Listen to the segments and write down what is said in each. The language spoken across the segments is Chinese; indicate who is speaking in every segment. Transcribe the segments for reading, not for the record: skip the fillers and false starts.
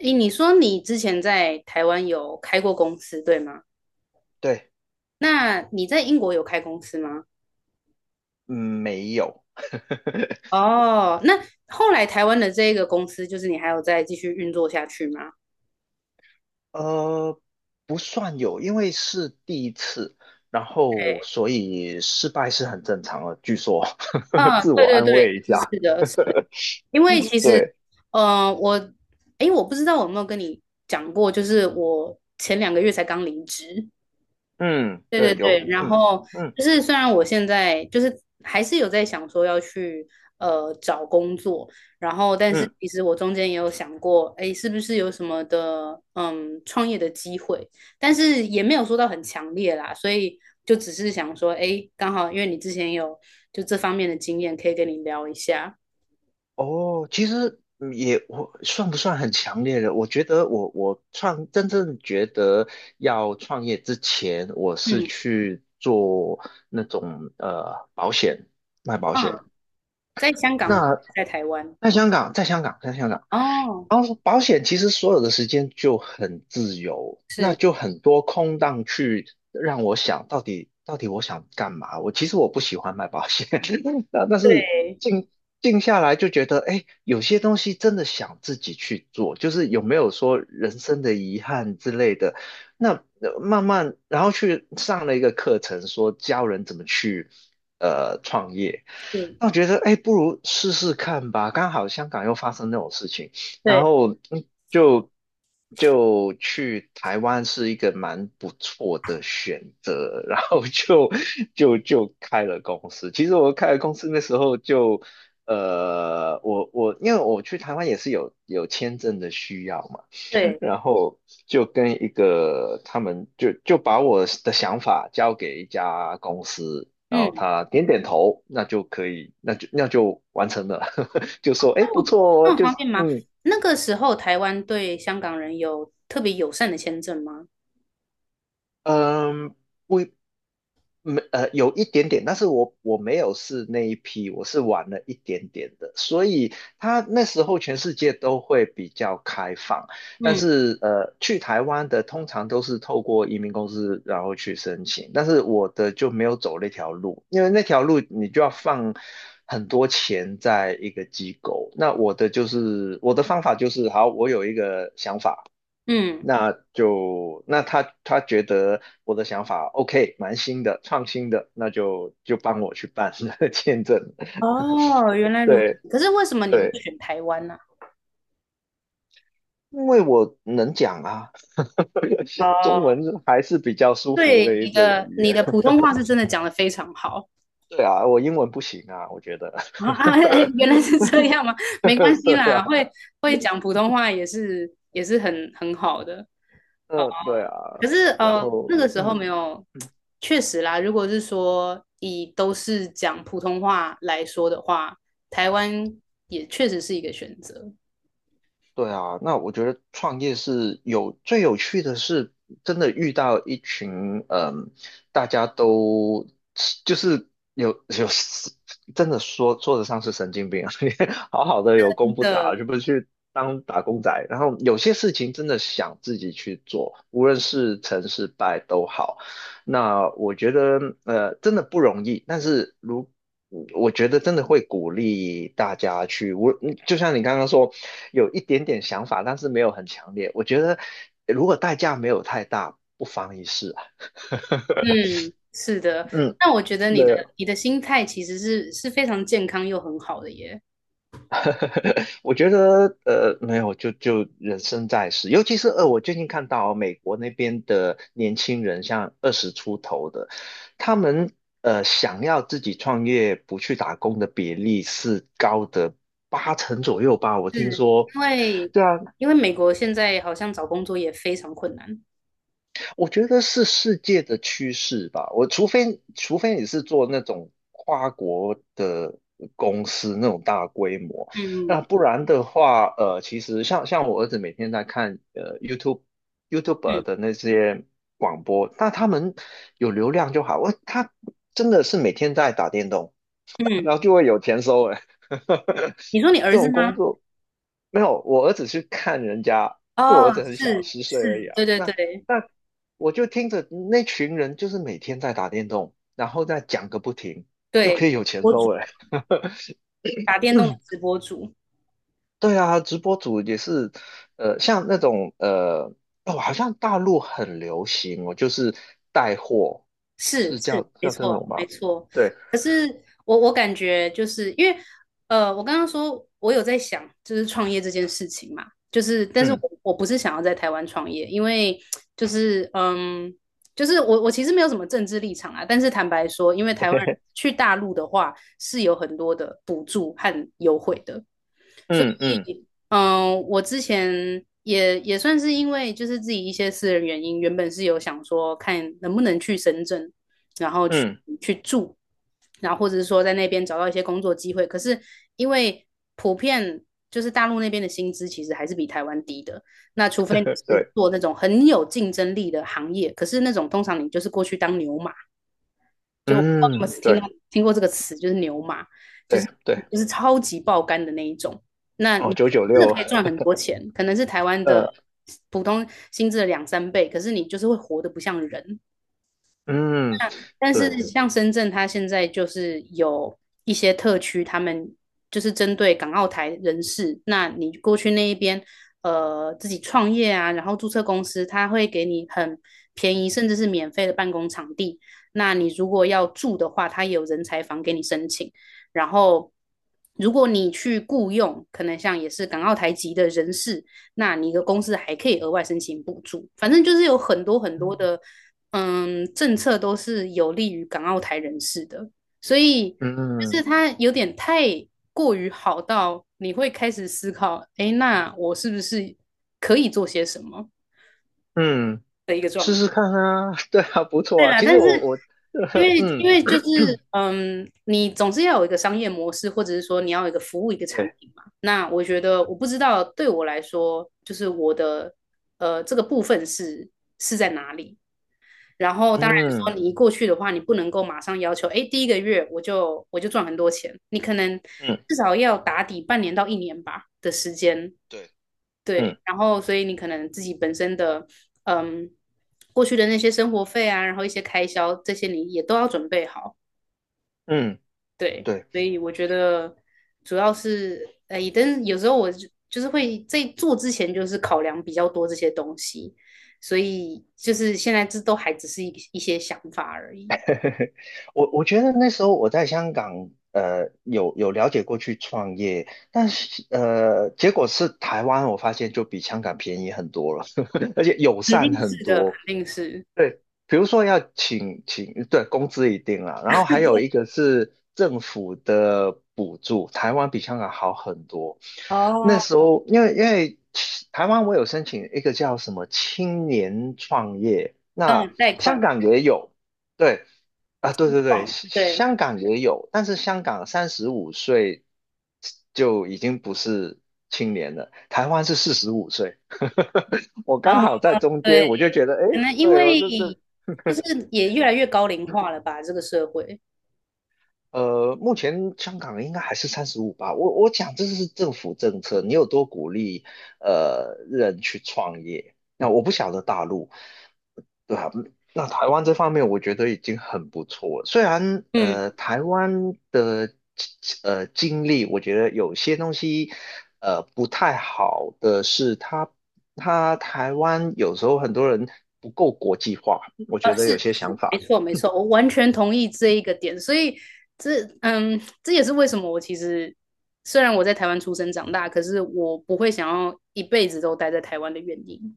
Speaker 1: 诶，你说你之前在台湾有开过公司，对吗？
Speaker 2: 对。
Speaker 1: 那你在英国有开公司吗？
Speaker 2: 嗯，没有。
Speaker 1: 哦，那后来台湾的这个公司，就是你还有再继续运作下去吗？
Speaker 2: 呃，不算有，因为是第一次，然后所以失败是很正常的，据说。
Speaker 1: 嗯，
Speaker 2: 自
Speaker 1: 对
Speaker 2: 我
Speaker 1: 对
Speaker 2: 安
Speaker 1: 对，
Speaker 2: 慰一
Speaker 1: 是
Speaker 2: 下。
Speaker 1: 是的，是，因为其实，
Speaker 2: 对，
Speaker 1: 呃，我，诶，我不知道我有没有跟你讲过，就是我前两个月才刚离职，
Speaker 2: 嗯，
Speaker 1: 对对
Speaker 2: 对，
Speaker 1: 对，
Speaker 2: 有，
Speaker 1: 然
Speaker 2: 嗯
Speaker 1: 后
Speaker 2: 嗯
Speaker 1: 就是虽然我现在就是还是有在想说要去找工作，然后但是
Speaker 2: 嗯，
Speaker 1: 其实我中间也有想过，哎，是不是有什么的创业的机会，但是也没有说到很强烈啦，所以就只是想说，哎，刚好因为你之前有就这方面的经验，可以跟你聊一下。
Speaker 2: 哦，其实也我算不算很强烈的？我觉得我真正觉得要创业之前，我是
Speaker 1: 嗯
Speaker 2: 去做那种保险，卖保
Speaker 1: 啊，
Speaker 2: 险。
Speaker 1: 在香港吗？
Speaker 2: 那
Speaker 1: 在台湾？
Speaker 2: 在香港，在香港，在香港。
Speaker 1: 哦，
Speaker 2: 然后保险其实所有的时间就很自由，那
Speaker 1: 是，
Speaker 2: 就很多空档去让我想到底我想干嘛。我其实我不喜欢买保险，但是
Speaker 1: 对，
Speaker 2: 静下来就觉得，哎，有些东西真的想自己去做，就是有没有说人生的遗憾之类的。那慢慢，然后去上了一个课程，说教人怎么去创业。
Speaker 1: 是，
Speaker 2: 那我觉得，哎，不如试试看吧。刚好香港又发生那种事情，然
Speaker 1: 对
Speaker 2: 后就去台湾是一个蛮不错的选择，然后就开了公司。其实我开了公司那时候就，我因为我去台湾也是有签证的需要嘛。
Speaker 1: 对，
Speaker 2: 然后就跟一个他们就把我的想法交给一家公司，然后
Speaker 1: 嗯。
Speaker 2: 他点点头，那就可以，那就完成了，就说哎不错
Speaker 1: 那
Speaker 2: 哦，
Speaker 1: 么
Speaker 2: 就
Speaker 1: 方
Speaker 2: 是
Speaker 1: 便吗？
Speaker 2: 嗯
Speaker 1: 那个时候台湾对香港人有特别友善的签证吗？
Speaker 2: 嗯不没呃有一点点，但是我没有是那一批，我是晚了一点点的，所以他那时候全世界都会比较开放，但
Speaker 1: 嗯
Speaker 2: 是去台湾的通常都是透过移民公司然后去申请，但是我的就没有走那条路，因为那条路你就要放很多钱在一个机构，那我的就是我的方法就是好，我有一个想法。
Speaker 1: 嗯，
Speaker 2: 那他觉得我的想法 OK，蛮新的，创新的，那就帮我去办 签证。
Speaker 1: 哦，原来如此。
Speaker 2: 对
Speaker 1: 可是为什么你会
Speaker 2: 对，
Speaker 1: 选台湾呢、
Speaker 2: 因为我能讲啊，中
Speaker 1: 哦，
Speaker 2: 文还是比较舒服
Speaker 1: 对，
Speaker 2: 的一
Speaker 1: 你
Speaker 2: 种
Speaker 1: 的
Speaker 2: 语
Speaker 1: 你的
Speaker 2: 言。
Speaker 1: 普 通话是真的讲得非常好。
Speaker 2: 对啊，我英文不行啊，我觉得。
Speaker 1: 啊啊！哎、哎原来是这样吗？没关 系
Speaker 2: 对
Speaker 1: 啦，
Speaker 2: 啊，
Speaker 1: 会会讲普通话也是也是很很好的。哦，
Speaker 2: 嗯，对啊，
Speaker 1: 可是
Speaker 2: 然后
Speaker 1: 那个时候没有，
Speaker 2: 嗯
Speaker 1: 确实啦。如果是说以都是讲普通话来说的话，台湾也确实是一个选择
Speaker 2: 对啊，那我觉得创业是有最有趣的是，真的遇到一群，大家都就是有真的说得上是神经病啊 你好好的有工不
Speaker 1: 的。
Speaker 2: 打，就不去当打工仔。然后有些事情真的想自己去做，无论是成是败都好。那我觉得真的不容易，但是我觉得真的会鼓励大家去，我就像你刚刚说，有一点点想法，但是没有很强烈。我觉得如果代价没有太大，不妨一试啊。
Speaker 1: 嗯，是的。
Speaker 2: 嗯，
Speaker 1: 那我觉得你
Speaker 2: 对，
Speaker 1: 的你的心态其实是是非常健康又很好的耶，
Speaker 2: 我觉得没有，就人生在世，尤其是我最近看到美国那边的年轻人，像20出头的，他们想要自己创业不去打工的比例是高的八成左右吧，我听
Speaker 1: 是
Speaker 2: 说。
Speaker 1: 因为
Speaker 2: 对啊，
Speaker 1: 因为美国现在好像找工作也非常困难。
Speaker 2: 我觉得是世界的趋势吧。我除非你是做那种跨国的公司那种大规模，那
Speaker 1: 嗯
Speaker 2: 不然的话，其实像我儿子每天在看YouTube
Speaker 1: 嗯
Speaker 2: 的那些广播，那他们有流量就好。他真的是每天在打电动，
Speaker 1: 嗯，
Speaker 2: 然后就会有钱收了。
Speaker 1: 你说你儿
Speaker 2: 这
Speaker 1: 子
Speaker 2: 种工
Speaker 1: 吗？
Speaker 2: 作没有，我儿子去看人家，因为我
Speaker 1: 哦，
Speaker 2: 儿子很小，
Speaker 1: 是
Speaker 2: 10岁而已
Speaker 1: 是，
Speaker 2: 啊。
Speaker 1: 对对对
Speaker 2: 那我就听着那群人就是每天在打电动，然后再讲个不停，就
Speaker 1: 对，
Speaker 2: 可以有钱
Speaker 1: 博主
Speaker 2: 收了。
Speaker 1: 打电动的直播主，
Speaker 2: 对啊，直播主也是，像那种哦，好像大陆很流行哦，就是带货，
Speaker 1: 是
Speaker 2: 是叫
Speaker 1: 是，没
Speaker 2: 叫这
Speaker 1: 错
Speaker 2: 种
Speaker 1: 没
Speaker 2: 吗？
Speaker 1: 错。
Speaker 2: 对，
Speaker 1: 可是我我感觉就是因为我刚刚说我有在想，就是创业这件事情嘛，就是但是我
Speaker 2: 嗯
Speaker 1: 我不是想要在台湾创业，因为就是就是我我其实没有什么政治立场啊，但是坦白说，因为台湾人 去大陆的话是有很多的补助和优惠的。所
Speaker 2: 嗯嗯
Speaker 1: 以，嗯，我之前也也算是因为就是自己一些私人原因，原本是有想说看能不能去深圳，然后去
Speaker 2: 嗯，
Speaker 1: 去住，然后或者是说在那边找到一些工作机会。可是因为普遍就是大陆那边的薪资其实还是比台湾低的，那除非你是
Speaker 2: 对，
Speaker 1: 做那种很有竞争力的行业，可是那种通常你就是过去当牛马，就我不知道你
Speaker 2: 嗯
Speaker 1: 们听到
Speaker 2: 对。
Speaker 1: 听过这个词，就是牛马，就是
Speaker 2: 对对，
Speaker 1: 就是超级爆肝的那一种。那
Speaker 2: 哦，
Speaker 1: 你
Speaker 2: 九九
Speaker 1: 真的
Speaker 2: 六，
Speaker 1: 可以赚很多钱，可能是台湾的
Speaker 2: 呃，
Speaker 1: 普通薪资的两三倍，可是你就是会活得不像人。
Speaker 2: 嗯，
Speaker 1: 但是
Speaker 2: 对，
Speaker 1: 像深圳，它现在就是有一些特区，他们就是针对港澳台人士，那你过去那一边，自己创业啊，然后注册公司，他会给你很便宜，甚至是免费的办公场地。那你如果要住的话，他也有人才房给你申请。然后，如果你去雇佣，可能像也是港澳台籍的人士，那你的公司还可以额外申请补助。反正就是有很多很多的
Speaker 2: 嗯
Speaker 1: 政策都是有利于港澳台人士的，所以就是
Speaker 2: 嗯
Speaker 1: 它有点太过于好到你会开始思考，诶，那我是不是可以做些什么？
Speaker 2: 嗯，试试看啊，对啊，不错
Speaker 1: 对
Speaker 2: 啊。
Speaker 1: 啦，
Speaker 2: 其实
Speaker 1: 但是
Speaker 2: 我，
Speaker 1: 因 为
Speaker 2: 嗯，
Speaker 1: 因为就是你总是要有一个商业模式，或者是说你要有一个服务一个产
Speaker 2: 对，
Speaker 1: 品嘛。那我觉得我不知道对我来说，就是我的这个部分是是在哪里。然后当然说
Speaker 2: 嗯
Speaker 1: 你一过去的话，你不能够马上要求，哎，第一个月我就我就赚很多钱，你可能
Speaker 2: 嗯
Speaker 1: 至少要打底半年到一年吧的时间，
Speaker 2: 对，
Speaker 1: 对，
Speaker 2: 嗯
Speaker 1: 然后所以你可能自己本身的，嗯，过去的那些生活费啊，然后一些开销这些你也都要准备好，
Speaker 2: 嗯，
Speaker 1: 对，
Speaker 2: 对，
Speaker 1: 所以我觉得主要是，哎，但有时候我就就是会在做之前就是考量比较多这些东西，所以就是现在这都还只是一一些想法而已。
Speaker 2: 我觉得那时候我在香港，有了解过去创业，但是结果是台湾，我发现就比香港便宜很多了，而且友
Speaker 1: 肯
Speaker 2: 善
Speaker 1: 定
Speaker 2: 很
Speaker 1: 是的，肯
Speaker 2: 多。
Speaker 1: 定是。
Speaker 2: 比如说要请，对，工资一定啦，然后还有一个是政府的补助，台湾比香港好很多。那
Speaker 1: 哦，
Speaker 2: 时候，因为台湾我有申请一个叫什么青年创业，
Speaker 1: 那
Speaker 2: 那
Speaker 1: 种贷
Speaker 2: 香
Speaker 1: 款
Speaker 2: 港也有，对，啊，对对对，
Speaker 1: 嗯，
Speaker 2: 香
Speaker 1: 对，
Speaker 2: 香港也有，但是香港35岁就已经不是青年了，台湾是45岁。我
Speaker 1: 哦，
Speaker 2: 刚好在中间，
Speaker 1: 对，
Speaker 2: 我就觉得，哎，
Speaker 1: 可能因
Speaker 2: 对，我
Speaker 1: 为
Speaker 2: 这这
Speaker 1: 就是也越来越高龄化了吧，这个社会。
Speaker 2: 呃，目前香港应该还是三十五吧。我讲这是政府政策，你有多鼓励人去创业？那我不晓得大陆，对啊，那台湾这方面我觉得已经很不错了。虽然
Speaker 1: 嗯，
Speaker 2: 台湾的经历，我觉得有些东西不太好的是它，台湾有时候很多人不够国际化，我觉得
Speaker 1: 是
Speaker 2: 有些想
Speaker 1: 是，没
Speaker 2: 法。
Speaker 1: 错没错，我完全同意这一个点。所以这嗯，这也是为什么我其实虽然我在台湾出生长大，可是我不会想要一辈子都待在台湾的原因。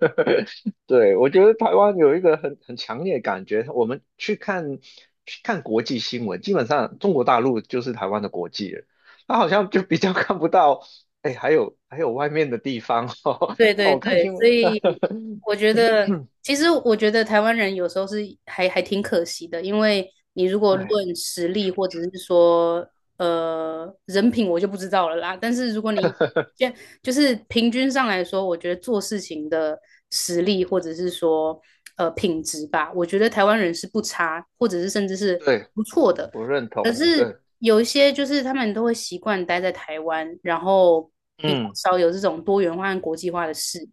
Speaker 2: 对，我觉得台湾有一个很强烈的感觉，我们去看国际新闻，基本上中国大陆就是台湾的国际了，他好像就比较 看不到，哎，还有外面的地方哦。
Speaker 1: 对
Speaker 2: 那
Speaker 1: 对
Speaker 2: 我看
Speaker 1: 对，
Speaker 2: 新
Speaker 1: 所
Speaker 2: 闻，
Speaker 1: 以我觉得，其实我觉得台湾人有时候是还还挺可惜的，因为你如果
Speaker 2: 对
Speaker 1: 论实力或者是说人品，我就不知道了啦。但是如果你就就是平均上来说，我觉得做事情的实力或者是说品质吧，我觉得台湾人是不差，或者是甚至是
Speaker 2: 对，
Speaker 1: 不错的。
Speaker 2: 我认
Speaker 1: 可
Speaker 2: 同，
Speaker 1: 是
Speaker 2: 对，
Speaker 1: 有一些就是他们都会习惯待在台湾，然后比较
Speaker 2: 嗯
Speaker 1: 少有这种多元化和国际化的事。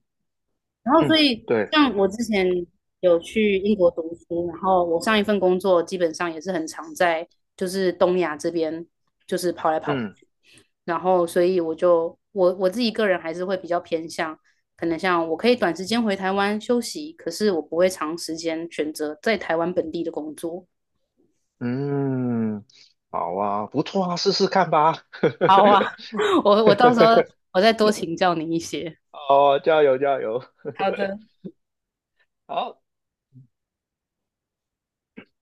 Speaker 1: 然后所
Speaker 2: 嗯，
Speaker 1: 以
Speaker 2: 对，
Speaker 1: 像我之前有去英国读书，然后我上一份工作基本上也是很常在就是东亚这边就是跑来跑
Speaker 2: 嗯
Speaker 1: 去，然后所以我就我我自己个人还是会比较偏向。可能像我可以短时间回台湾休息，可是我不会长时间选择在台湾本地的工作。
Speaker 2: 嗯，好啊，不错啊，试试看吧，
Speaker 1: 好啊，我我到时候 我再多请教你一些。
Speaker 2: 哦，加油加油，
Speaker 1: 好的。
Speaker 2: 好。